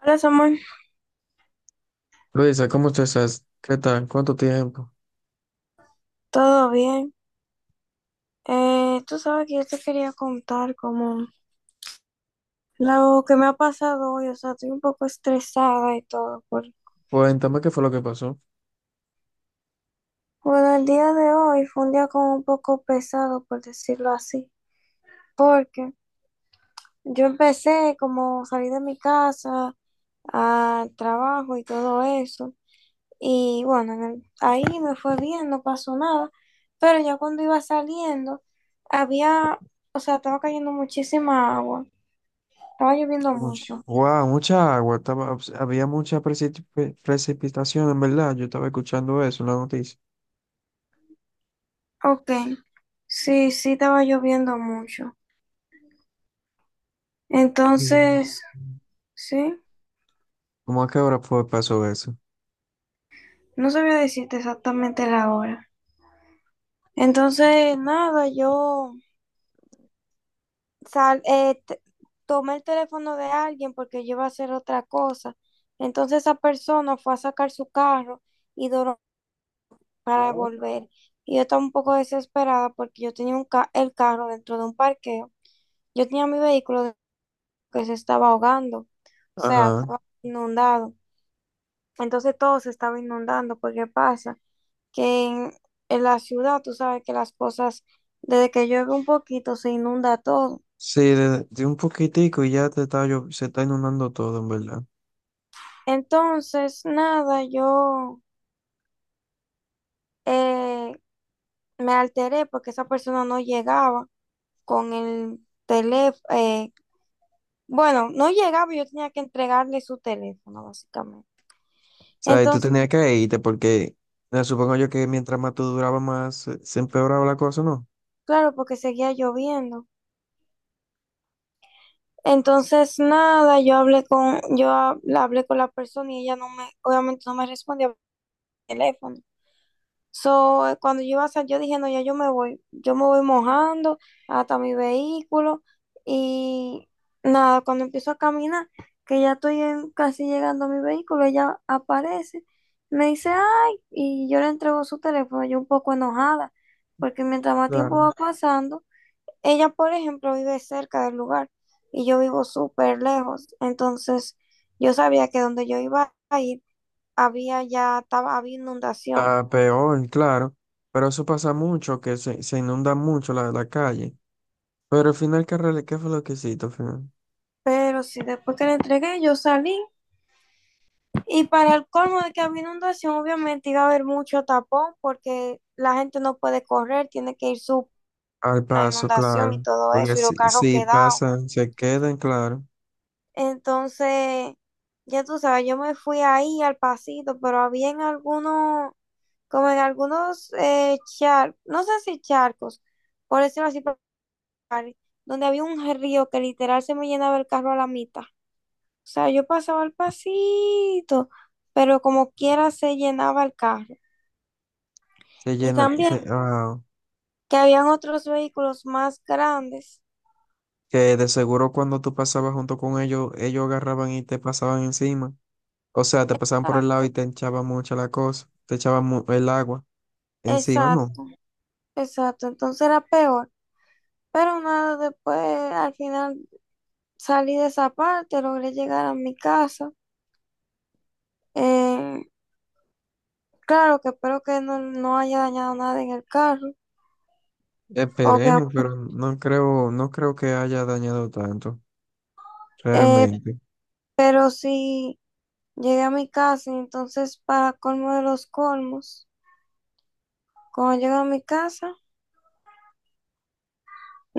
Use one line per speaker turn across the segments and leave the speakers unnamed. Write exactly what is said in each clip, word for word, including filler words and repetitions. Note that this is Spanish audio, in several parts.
Hola Samuel,
Luisa, ¿cómo te estás? ¿Qué tal? ¿Cuánto tiempo?
¿todo bien? Eh, tú sabes que yo te quería contar como lo que me ha pasado hoy, o sea, estoy un poco estresada y todo. Por...
Cuéntame qué fue lo que pasó.
Bueno, el día de hoy fue un día como un poco pesado, por decirlo así, porque yo empecé como salí de mi casa al trabajo y todo eso, y bueno, en el- ahí me fue bien, no pasó nada, pero ya cuando iba saliendo, había, o sea, estaba cayendo muchísima agua. Estaba lloviendo
Mucha,
mucho.
wow, mucha agua. Estaba, había mucha precip- pre- precipitación, en verdad. Yo estaba escuchando eso en la noticia.
Ok. Sí, sí, estaba lloviendo mucho.
Sí.
Entonces, sí,
¿Cómo a qué hora fue pasó eso?
no sabía decirte exactamente la hora. Entonces, nada, yo sal, eh, t- tomé el teléfono de alguien porque yo iba a hacer otra cosa. Entonces, esa persona fue a sacar su carro y duró para volver. Y yo estaba un poco desesperada porque yo tenía un ca- el carro dentro de un parqueo. Yo tenía mi vehículo que se estaba ahogando, o sea,
Ajá.
estaba inundado. Entonces todo se estaba inundando, porque pasa que en, en la ciudad tú sabes que las cosas, desde que llueve un poquito, se inunda todo.
Sí, de, de un poquitico y ya te está, llo- se está inundando todo, en verdad. O
Entonces, nada, yo eh, me alteré porque esa persona no llegaba con el teléfono. Bueno, no llegaba, y yo tenía que entregarle su teléfono, básicamente.
sea, y tú
Entonces,
tenías que irte porque eh, supongo yo que mientras más tú durabas, más eh, se empeoraba la cosa, ¿no?
claro, porque seguía lloviendo. Entonces, nada, yo hablé con, yo hab- hablé con la persona y ella no me, obviamente no me respondía teléfono. So, eh, cuando yo iba a salir, yo dije, no, ya yo me voy, yo me voy mojando hasta mi vehículo y nada, cuando empiezo a caminar, que ya estoy en- casi llegando a mi vehículo, ella aparece, me dice, ay, y yo le entrego su teléfono, yo un poco enojada, porque mientras más tiempo va
Claro.
pasando, ella, por ejemplo, vive cerca del lugar y yo vivo súper lejos, entonces yo sabía que donde yo iba a ir, había ya, estaba, había inundación.
Está peor, claro, pero eso pasa mucho, que se, se inunda mucho la, la calle. Pero al final, ¿qué, rele- ¿qué fue lo que hiciste al final?
Pero sí, después que le entregué, yo salí y para el colmo de que había inundación, obviamente iba a haber mucho tapón porque la gente no puede correr, tiene que ir su
Al
la
paso,
inundación y
claro.
todo
Porque
eso y
si,
los carros
si
quedados.
pasan, se quedan, claro.
Entonces, ya tú sabes, yo me fui ahí al pasito, pero había en algunos, como en algunos eh, charcos, no sé si charcos, por decirlo así, pero- donde había un río que literal se me llenaba el carro a la mitad. O sea, yo pasaba al pasito, pero como quiera se llenaba el carro.
Se
Y
llena,
también
se- ah,
que habían otros vehículos más grandes.
que de seguro cuando tú pasabas junto con ellos, ellos agarraban y te pasaban encima. O sea, te pasaban por el lado
Exacto,
y te echaban mucha la cosa, te echaban mu- el agua encima, no.
exacto, exacto. Entonces era peor. Pero nada, después al final salí de esa parte, logré llegar a mi casa. Eh, claro que espero que no, no haya dañado nada en el carro,
Esperemos,
obviamente.
pero no creo, no creo que haya dañado tanto,
Eh,
realmente.
pero sí llegué a mi casa, y entonces para colmo de los colmos, cuando llego a mi casa,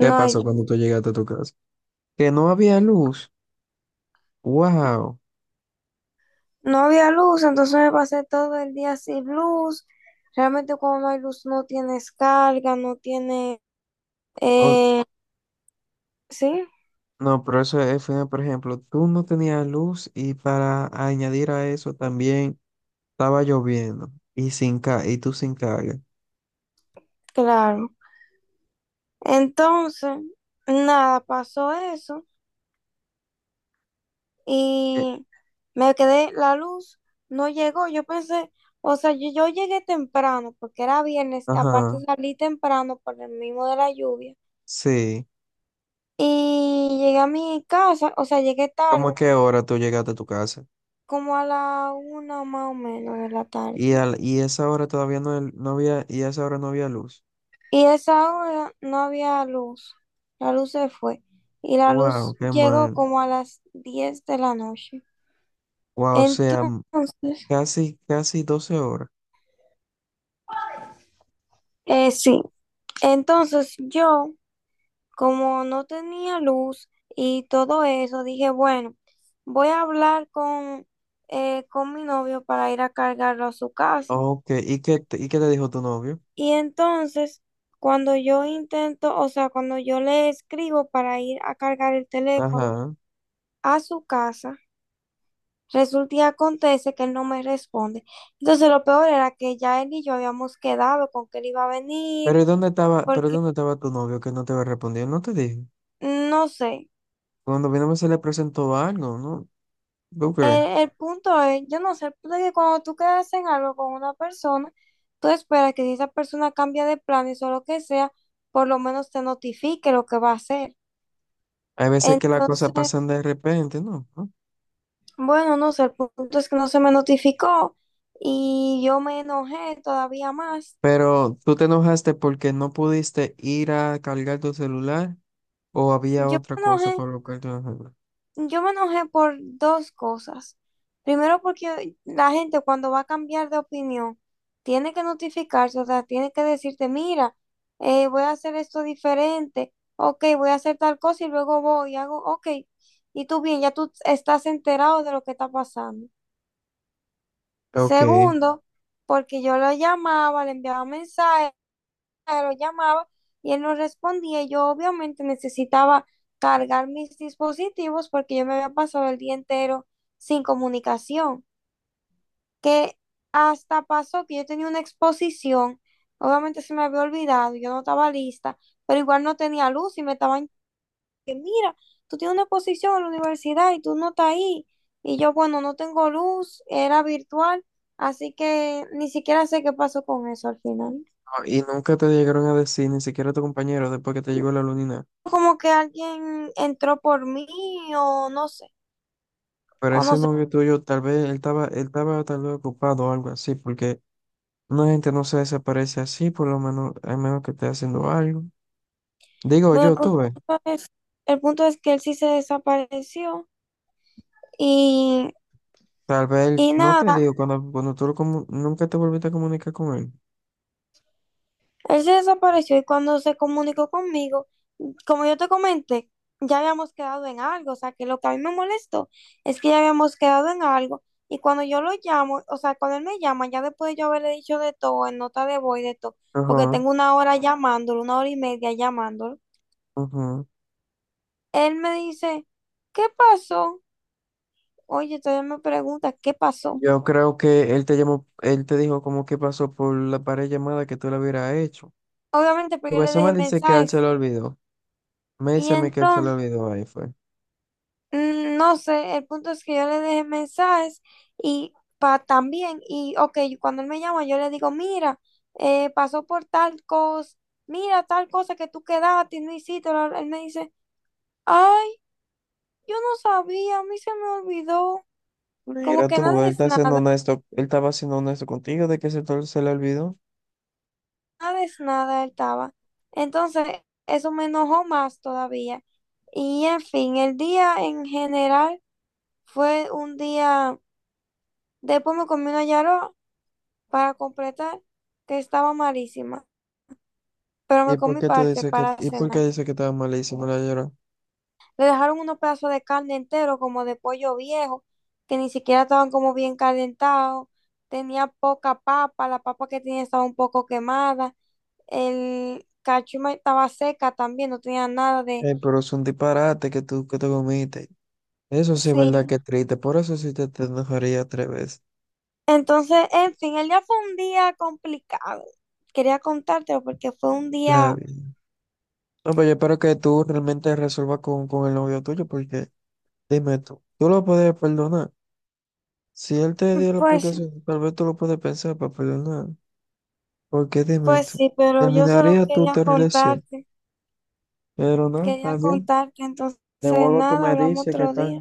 ¿Qué
hay
pasó cuando tú llegaste a tu casa? Que no había luz. Wow.
no había luz, entonces me pasé todo el día sin luz. Realmente cuando no hay luz no tienes carga, no tiene... eh, sí,
No, pero eso eh, fue, por ejemplo, tú no tenías luz y para añadir a eso también estaba lloviendo y sin ca y tú sin carga.
claro. Entonces, nada, pasó eso
Eh,
y me quedé, la luz no llegó. Yo pensé, o sea, yo, yo llegué temprano porque era viernes,
Ajá,
aparte salí temprano por el mismo de la lluvia.
sí.
Y llegué a mi casa, o sea, llegué
¿Cómo
tarde,
que hora tú llegaste a tu casa?
como a la una más o menos de la tarde.
Y al y esa hora todavía no, el- no había, y a esa hora no había luz.
Y esa hora no había luz, la luz se fue y la luz
Wow, qué
llegó
mal.
como a las diez de la noche.
Wow, o sea, m-
Entonces,
casi casi doce horas.
eh, sí, entonces yo, como no tenía luz y todo eso, dije, bueno, voy a hablar con, eh, con mi novio para ir a cargarlo a su casa.
Ok, ¿y qué te- ¿y qué te dijo tu novio?
Y entonces, cuando yo intento, o sea, cuando yo le escribo para ir a cargar el teléfono
Ajá.
a su casa, resulta y acontece que él no me responde. Entonces lo peor era que ya él y yo habíamos quedado con que él iba a venir,
Pero ¿y ¿dónde estaba, pero
porque
dónde estaba tu novio que no te había respondido? No te dije.
no sé,
Cuando vino se le presentó algo, ¿no? ¿Tú crees?
el, el punto es, yo no sé, el punto es que cuando tú quedas en algo con una persona, tú esperas que si esa persona cambia de planes o lo que sea, por lo menos te notifique lo que va a hacer.
Hay veces que las cosas
Entonces,
pasan de repente, ¿no? ¿No?
bueno, no sé, el punto es que no se me notificó y yo me enojé todavía más.
Pero tú te enojaste porque no pudiste ir a cargar tu celular o ¿había
Yo
otra
me
cosa
enojé
por lo que te enojaste?
Yo me enojé por dos cosas. Primero, porque la gente cuando va a cambiar de opinión tiene que notificarse, o sea, tiene que decirte, mira, eh, voy a hacer esto diferente, ok, voy a hacer tal cosa y luego voy y hago, ok, y tú bien, ya tú estás enterado de lo que está pasando.
Ok.
Segundo, porque yo lo llamaba, le enviaba mensajes, lo llamaba y él no respondía. Yo obviamente necesitaba cargar mis dispositivos porque yo me había pasado el día entero sin comunicación, que hasta pasó que yo tenía una exposición, obviamente se me había olvidado, yo no estaba lista, pero igual no tenía luz y me estaban que mira, tú tienes una exposición en la universidad y tú no estás ahí. Y yo, bueno, no tengo luz, era virtual, así que ni siquiera sé qué pasó con eso al final.
Ah, y nunca te llegaron a decir, ni siquiera tu compañero, después que te llegó la lunina.
Como que alguien entró por mí o no sé,
Pero
o no
ese
sé.
novio tuyo, tal vez él estaba, él estaba tal vez ocupado o algo así, porque una gente no se desaparece así, por lo menos, a menos que esté haciendo algo. Digo
Bueno, el
yo, tú
punto
ves,
es, el punto es que él sí se desapareció y,
tal vez él-
y
no te
nada,
digo, cuando, cuando tú lo comu- nunca te volviste a comunicar con él.
él se desapareció y cuando se comunicó conmigo, como yo te comenté, ya habíamos quedado en algo, o sea, que lo que a mí me molestó es que ya habíamos quedado en algo y cuando yo lo llamo, o sea, cuando él me llama, ya después de yo haberle dicho de todo, en nota de voz y de todo, porque
Ajá,
tengo una hora llamándolo, una hora y media llamándolo.
ajá.
Él me dice, ¿qué pasó? Oye, todavía me pregunta, ¿qué pasó?
Yo creo que él te llamó, él te dijo como que pasó por la pared llamada que tú le hubieras hecho.
Obviamente, pues
Tu
yo le
vez me
dejé
dice que a él se
mensajes.
lo olvidó. Me
Y
dice a mí que él se lo
entonces,
olvidó, ahí fue.
mm, no sé, el punto es que yo le dejé mensajes y pa también, y ok, cuando él me llama, yo le digo, mira, eh, pasó por tal cosa, mira tal cosa que tú quedaste y no hiciste. Bla, bla. Él me dice, ay, yo no sabía, a mí se me olvidó. Como
Mira
que nada
tú, él
es
está siendo
nada,
honesto, él estaba siendo honesto contigo de que se, te- se le olvidó.
nada es nada, él estaba. Entonces, eso me enojó más todavía. Y en fin, el día en general fue un día, después me comí una yaró para completar, que estaba malísima, pero
¿Y
me
por
comí
qué tú
parte
dices que,
para
¿y por qué
cenar.
dices que estaba malísimo la llora?
Le dejaron unos pedazos de carne entero, como de pollo viejo, que ni siquiera estaban como bien calentados, tenía poca papa, la papa que tenía estaba un poco quemada, el cachuma estaba seca también, no tenía nada de...
Eh, pero es un disparate que tú que te comiste. Eso sí es
Sí,
verdad que es triste, por eso sí te, te enojaría tres veces.
entonces, en fin, el día fue un día complicado. Quería contártelo porque fue un
Está
día,
bien. No, pero yo espero que tú realmente resuelvas con, con el novio tuyo, porque dime tú, ¿tú lo puedes perdonar? Si él te dio la
pues,
explicación, tal vez tú lo puedes pensar para perdonar. Porque dime
pues
tú,
sí, pero yo solo
¿terminaría tu, tu
quería
relación?
contarte,
Pero no, está
quería
bien.
contarte, entonces
De luego tú
nada,
me
hablamos
dices que
otro
está.
día.